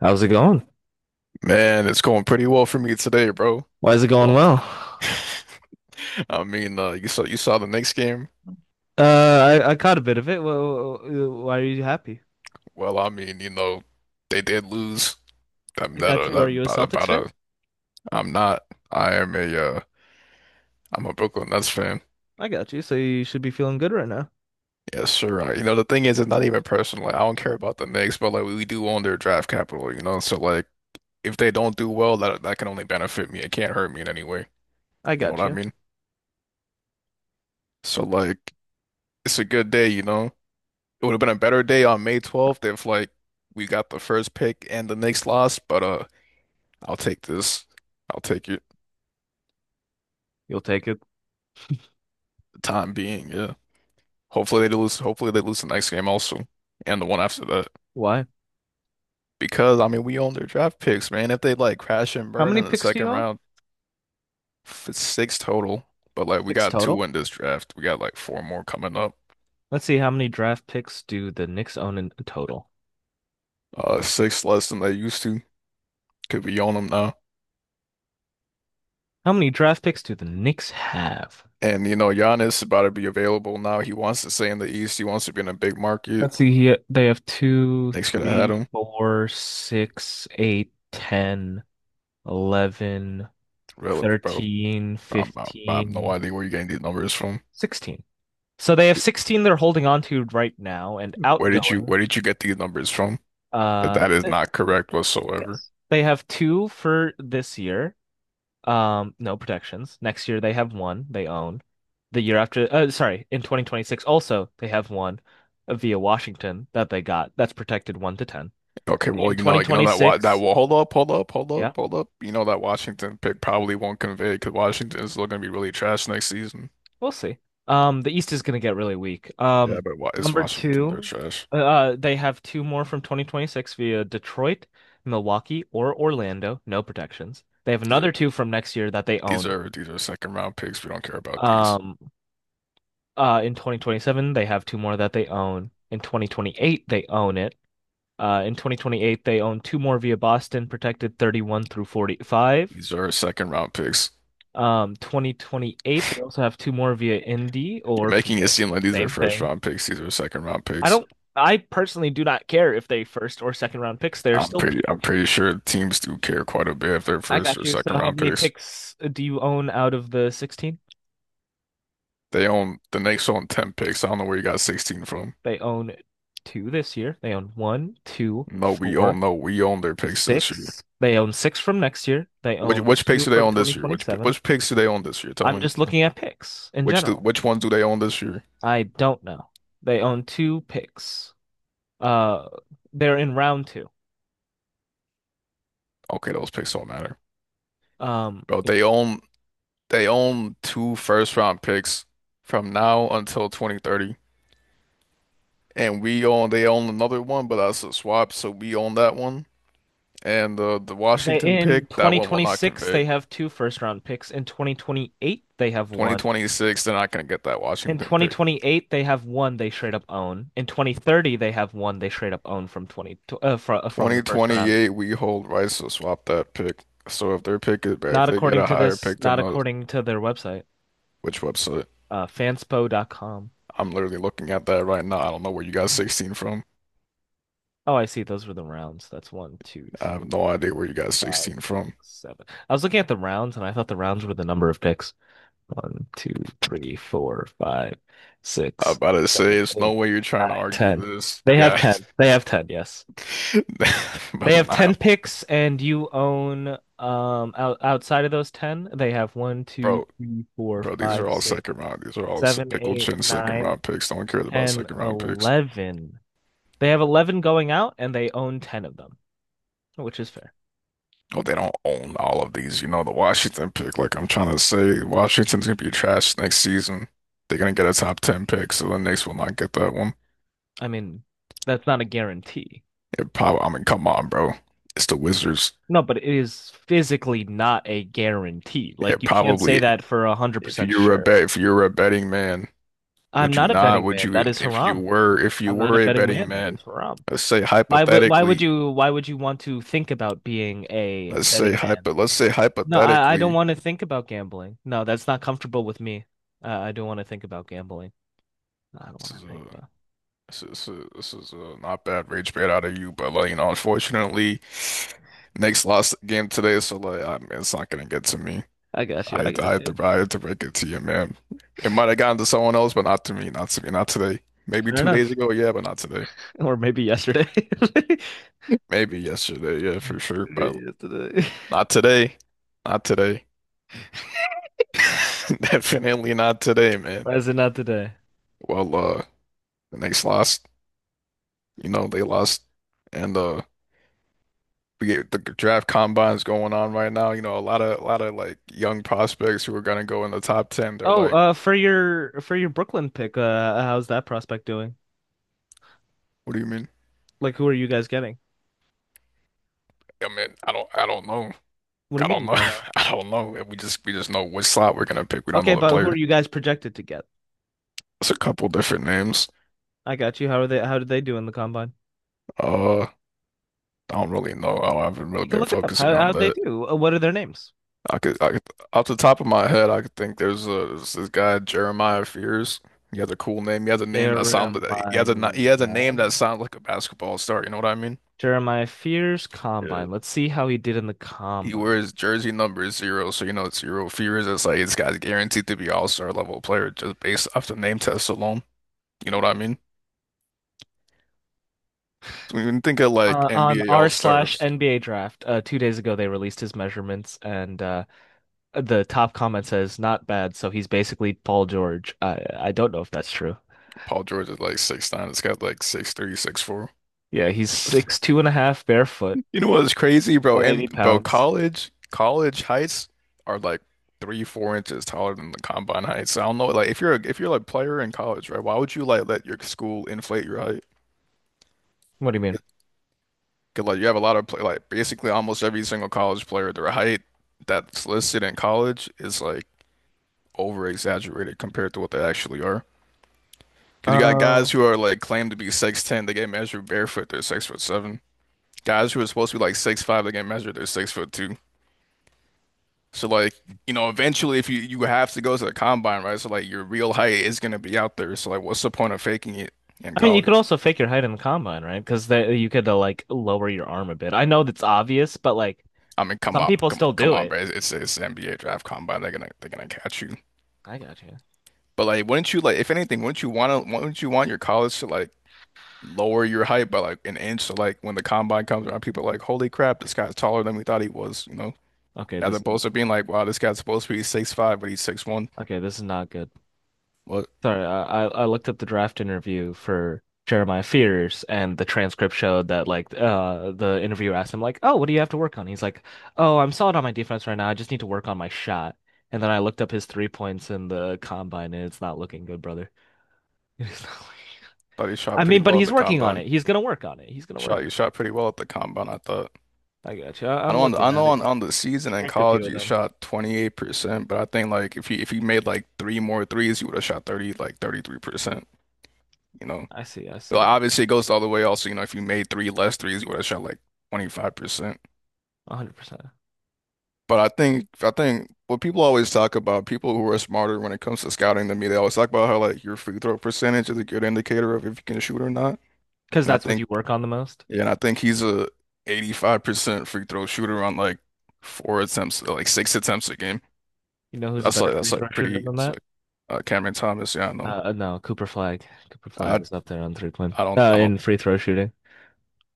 How's it going? Man, it's going pretty well for me today, bro. Why is it going Going, well? I mean, you saw the next game. Uh, I caught a bit of it. Well, why are you happy? Well, I mean, you know, they did lose. I'm I that got you. Are you a about, Celtics about fan? a. I'm not. I am a. I'm a Brooklyn Nets fan. I got you. So you should be feeling good right now. Yes, sure. You know, the thing is, it's not even personal. Like, I don't care about the Knicks, but like we do own their draft capital. You know, so like if they don't do well, that can only benefit me. It can't hurt me in any way. I You know what got I you. mean? So like, it's a good day. You know. It would have been a better day on May 12th if like we got the first pick and the Knicks lost, but I'll take this. I'll take it. For You'll take it. the time being, yeah. Hopefully they lose, the next game also, and the one after that. Why? Because I mean we own their draft picks, man. If they like crash and How burn many in the picks do you second own? round, it's six total. But like we Six got total. two in this draft. We got like four more coming up. Let's see, how many draft picks do the Knicks own in total? Six less than they used to. Could be on them now. How many draft picks do the Knicks have? And you know, Giannis is about to be available now. He wants to stay in the East. He wants to be in a big market. Let's see here. They have two, Nick's gonna had three, him. four, six, eight, 10, 11, Really, bro. 13, I have no 15, idea where you're getting these numbers from. 16. So they have 16 they're holding on to right now and outgoing. Where did you get these numbers from? Uh, That is th- not correct whatsoever. Yes, they have two for this year. No protections. Next year they have one they own. The year after, sorry, In 2026 also they have one via Washington that they got, that's protected 1 to 10. Okay, well, In you know that wa that 2026, well, hold up, hold up, hold up, yeah. hold up. You know that Washington pick probably won't convey because Washington is still gonna be really trash next season. We'll see. The East is going to get really weak. Yeah, but wa it's Number Washington. They're two, trash. They have two more from 2026 via Detroit, Milwaukee, or Orlando. No protections. They have These are another two from next year that they these own. are these are second round picks. We don't care about these. Um, in 2027, they have two more that they own. In 2028, they own it. In 2028, they own two more via Boston, protected 31 through 45. These are second round picks. 2028, they also have two more via Indy or You're making it Phoenix. seem like these are Same first thing. round picks. These are second round I picks. don't, I personally do not care if they first or second round picks. They're still people. I'm pretty sure teams do care quite a bit if they're I first got or you. So second how round many picks. picks do you own out of the 16? The Knicks own 10 picks. I don't know where you got 16 from. They own two this year. They own one, two, No, we four, own no, We own their picks this year. six. They own six from next year. They own Which picks two do they from own this year? 2027. Which picks do they own this year? Tell I'm me. just looking at picks in Which do, general. which ones do they own this year? I don't know. They own two picks. Uh, they're in round two. Okay, those picks don't matter. Um, Bro, they own two first round picks from now until 2030. And we own they own another one, but that's a swap, so we own that one. And the They Washington in pick, that one will not 2026 they convey. have two first round picks. In 2028 they have one. 2026, they're not going to get that In Washington pick. 2028 they have one they straight up own. In 2030 they have one they straight up own from 20 fr from the first round. 2028, we hold rights to swap that pick. So if their pick is bad, if Not they get according a to higher this, pick not than us, according to their website, which website? Fanspo.com. I'm literally looking at that right now. I don't know where you got Yeah. 16 from. Oh, I see. Those were the rounds. That's one, two, I have three, no idea four, where you got five, 16 six, from. seven. I was looking at the rounds and I thought the rounds were the number of picks. One, two, three, four, five, I'm six, about to say, seven, it's no eight, way you're trying to nine, argue 10. this, you They have guys. 10. They have ten, yes. They But I'm have ten not- picks, and you own outside of those 10, they have one, two, bro, three, four, bro, these are five, all six, second round. These are all seven, pickle eight, chin second nine, round picks. No one cares about ten, second round picks. 11. They have 11 going out, and they own 10 of them, which is fair. Oh, they don't own all of these. You know, the Washington pick. Like I'm trying to say, Washington's gonna be trash next season. They're gonna get a top ten pick, so the Knicks will not get that one. I mean, that's not a guarantee. It probably. I mean, come on, bro. It's the Wizards. No, but it is physically not a guarantee. Yeah, Like you can't say probably. that for a hundred If percent sure. You were a betting man, I'm would you not a not? betting Would man. you? That is If haram. You I'm not were a a betting betting man. That man, is haram. let's say Why would why would hypothetically. you why would you want to think about being a betting man? Let's say No, I don't hypothetically. want to think about gambling. No, that's not comfortable with me. I don't want to think about gambling. No, I don't This want is to think about. Not bad rage bait out of you, but like you know, unfortunately, Knicks lost the game today, so like I mean, it's not gonna get to me. I got you. I got you. I had to break it to you, man. It might have gotten to someone else, but not to me, not to me, not today. Maybe Fair 2 days enough. ago, yeah, but not today. Or maybe yesterday. Maybe yesterday, yeah, for sure, but Yesterday. not today, not today. Definitely not today, man. Why is it not today? Well, the Knicks lost. You know, they lost. And uh. we get the draft combines going on right now. You know, a lot of like young prospects who are gonna go in the top ten. They're Oh, like, for your Brooklyn pick, how's that prospect doing? "What do you mean?" Like, who are you guys getting? I mean, I don't know. What do you I mean don't you know. don't know? I don't know. And we just know which slot we're gonna pick. We don't Okay, know the but who are player. you guys projected to get? It's a couple different names. I got you. How are they? How did they do in the combine? I don't really know. I haven't really You can been look it up. focusing on How'd they that. do? What are their names? I could, I could, off the top of my head, I could think there's a there's this guy Jeremiah Fears. He has a cool name. He has a name that Jeremiah sounded. He has a name that sounds like a basketball star. You know what I mean? Jeremiah Fears Yeah. Combine. Let's see how he did in the He combine. wears jersey number zero, so you know it's zero fears. It's like this guy's guaranteed to be all-star level player just based off the name test alone. You know what I mean? So when you think of like On NBA r all-stars, slash NBA draft, 2 days ago they released his measurements, and the top comment says not bad. So he's basically Paul George. I don't know if that's true. Paul George is like 6'9". It's got like 6'3", 6'4". Yeah, he's 6'2" and a half barefoot, You know what's crazy, bro? 180 And bro, pounds. College heights are like 3, 4 inches taller than the combine heights. I don't know, like if you're like player in college, right? Why would you like let your school inflate your height? What do you mean? Cause like you have a lot of play, like basically almost every single college player, their height that's listed in college is like over exaggerated compared to what they actually are. Cause you got Uh, guys who are like claimed to be 6'10, they get measured barefoot, they're 6'7". Guys who are supposed to be like 6'5", they get measured, they're 6'2". So like, you know, eventually if you have to go to the combine, right? So like your real height is gonna be out there. So like what's the point of faking it in I mean, you could college? also fake your height in the combine, right? Because that you could like lower your arm a bit. I know that's obvious, but like I mean, some people still come do on, it. bro. It's the NBA draft combine. They're gonna catch you. I got you. But like, wouldn't you like, if anything, wouldn't you want to, wouldn't you want your college to like lower your height by like an inch? So like, when the combine comes around, people are like, holy crap, this guy's taller than we thought he was, you know? Okay, As this is opposed to being like, wow, this guy's supposed to be 6'5", but he's 6'1". okay, this is not good. Well, Sorry, I looked up the draft interview for Jeremiah Fears, and the transcript showed that like the interviewer asked him like, "Oh, what do you have to work on?" He's like, "Oh, I'm solid on my defense right now. I just need to work on my shot." And then I looked up his 3 points in the combine, and it's not looking good, brother. It's not looking- thought he shot I pretty mean, but well in he's the working on combine. it. He's gonna work on it. He's gonna work He shot pretty well at the combine, I thought. on it. I got you. I I'm know on the, I looking at know it. on the He season in bricked a few college of he them. shot 28%, but I think like if he made like three more threes, he would have shot 30 like 33%, you know. I see. I But see. obviously, it goes the other way. Also, you know, if you made three less threes, you would have shot like 25%. 100%. But I think what people always talk about, people who are smarter when it comes to scouting than me, they always talk about how like your free throw percentage is a good indicator of if you can shoot or not. Because And I that's what think, you work on the most. yeah, and I think he's a 85% free throw shooter on like four attempts, like six attempts a game. You know who's a better That's free throw like shooter pretty, than it's that? like Cameron Thomas. Yeah, I know. No, Cooper Flag. Cooper Flag I, is up there on 3-point. I don't In free throw shooting.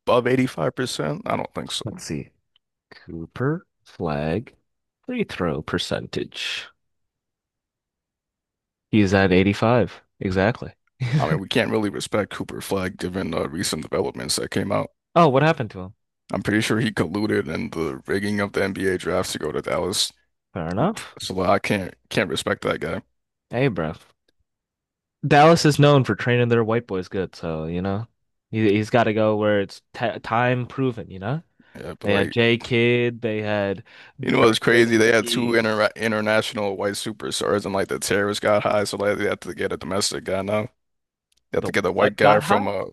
above 85%. I don't think so. Let's see. Cooper Flag free throw percentage. He's at 85. Exactly. I mean, we can't really respect Cooper Flag given recent developments that came out. Oh, what happened to him? I'm pretty sure he colluded in the rigging of the NBA drafts to go to Dallas. Fair enough. So like, I can't respect that guy. Hey, bro. Dallas is known for training their white boys good, so, you know, he's got to go where it's t time proven, you know? Yeah, but They had like, J. Kidd, they had you know what's Dirk crazy? They had two Nowitzki. International white superstars, and like the tariffs got high, so like they have to get a domestic guy now. They have The to get a what white guy got from hot?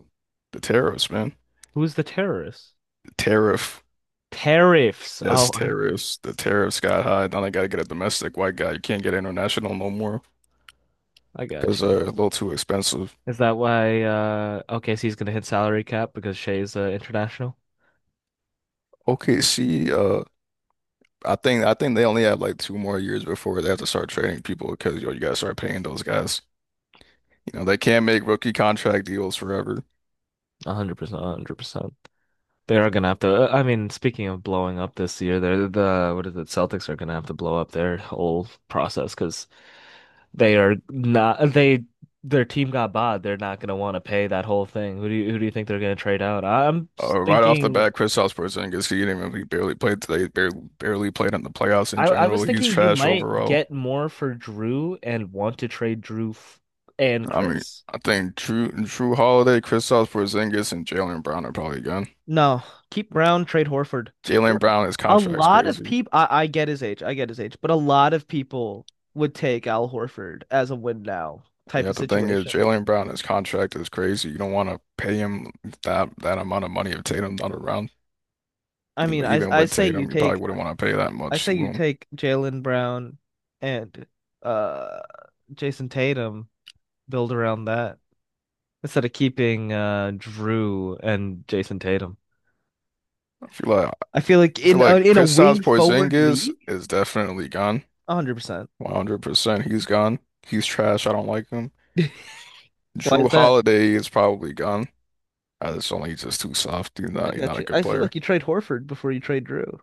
the tariffs, man. Who's the terrorist? The tariff, Tariffs. yes, Oh, tariffs. The tariffs got high. Now they gotta get a domestic white guy. You can't get international no more I got because you. they're a little too expensive. Is that why OKC's gonna hit salary cap because Shea's international? Okay, see, I think they only have like 2 more years before they have to start trading people because yo, you gotta start paying those guys. You know, they can't make rookie contract deals forever. 100%, 100%. They are gonna have to. I mean, speaking of blowing up this year, they're the what is it? Celtics are gonna have to blow up their whole process because they are not they their team got bought. They're not gonna want to pay that whole thing. Who do you think they're gonna trade out? Right off the Thinking. bat, Kristaps Porzingis, he didn't even he barely played today. Barely, barely played in the playoffs in I was general. He's thinking you trash might overall. get more for Drew and want to trade Drew f and I mean, Chris. I think Drew Holiday, Kristaps Porzingis, and Jalen Brown are probably gone. No, keep Brown, trade Horford. Jalen Or- Brown, his a contract's lot of crazy. people, I get his age, I get his age, but a lot of people would take Al Horford as a win now type Yeah, of the thing is, situation. Jalen Brown, his contract is crazy. You don't want to pay him that amount of money if Tatum's not around. I You mean, know, even I with say you Tatum, you probably take wouldn't want to pay that I much say to you him. take Jalen Brown and uh Jason Tatum, build around that instead of keeping Drew and Jason Tatum. I feel like I feel like I feel in a, like in a Kristaps wing forward Porzingis league, is definitely gone. 100%. 100%. He's gone. He's trash. I don't like him. Why Drew is that? Holiday is probably gone. I just don't think he's just too soft. I He's not got a you. good I feel player. like you trade Horford before you trade Drew.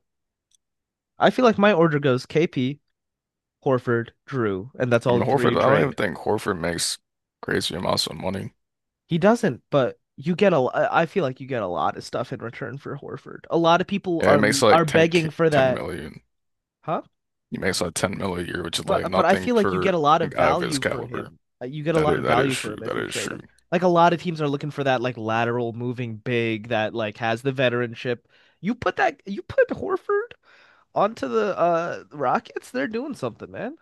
I feel like my order goes KP, Horford, Drew, and that's I all mean the three you Horford, I don't even trade. think Horford makes crazy amounts of money. He doesn't, but you get a. I feel like you get a lot of stuff in return for Horford. A lot of people Yeah, he are makes like 10, begging for 10 that, million. huh? He makes like 10 million a year, which is like But I nothing feel like you for get a lot a of guy of his value for caliber. him. You get a lot of That is value for true. him if That you is trade true. him. Like a lot of teams are looking for that like lateral moving big that like has the veteranship. You put Horford onto the Rockets, they're doing something, man.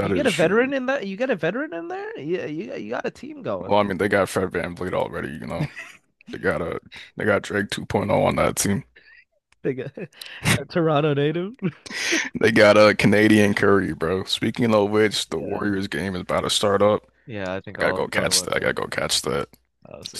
You get a is veteran true. in that. You get a veteran in there. Yeah, you got a team going. Well, I mean, they got Fred VanVleet already, you know. They got a they got Drake 2.0 on that team. Big a Toronto native. They got a Canadian Curry, bro. Speaking of which, the Yeah, Warriors game is about to start up. yeah, I I think gotta I'll go go to catch work that. I for gotta go that. catch that. I'll It's see.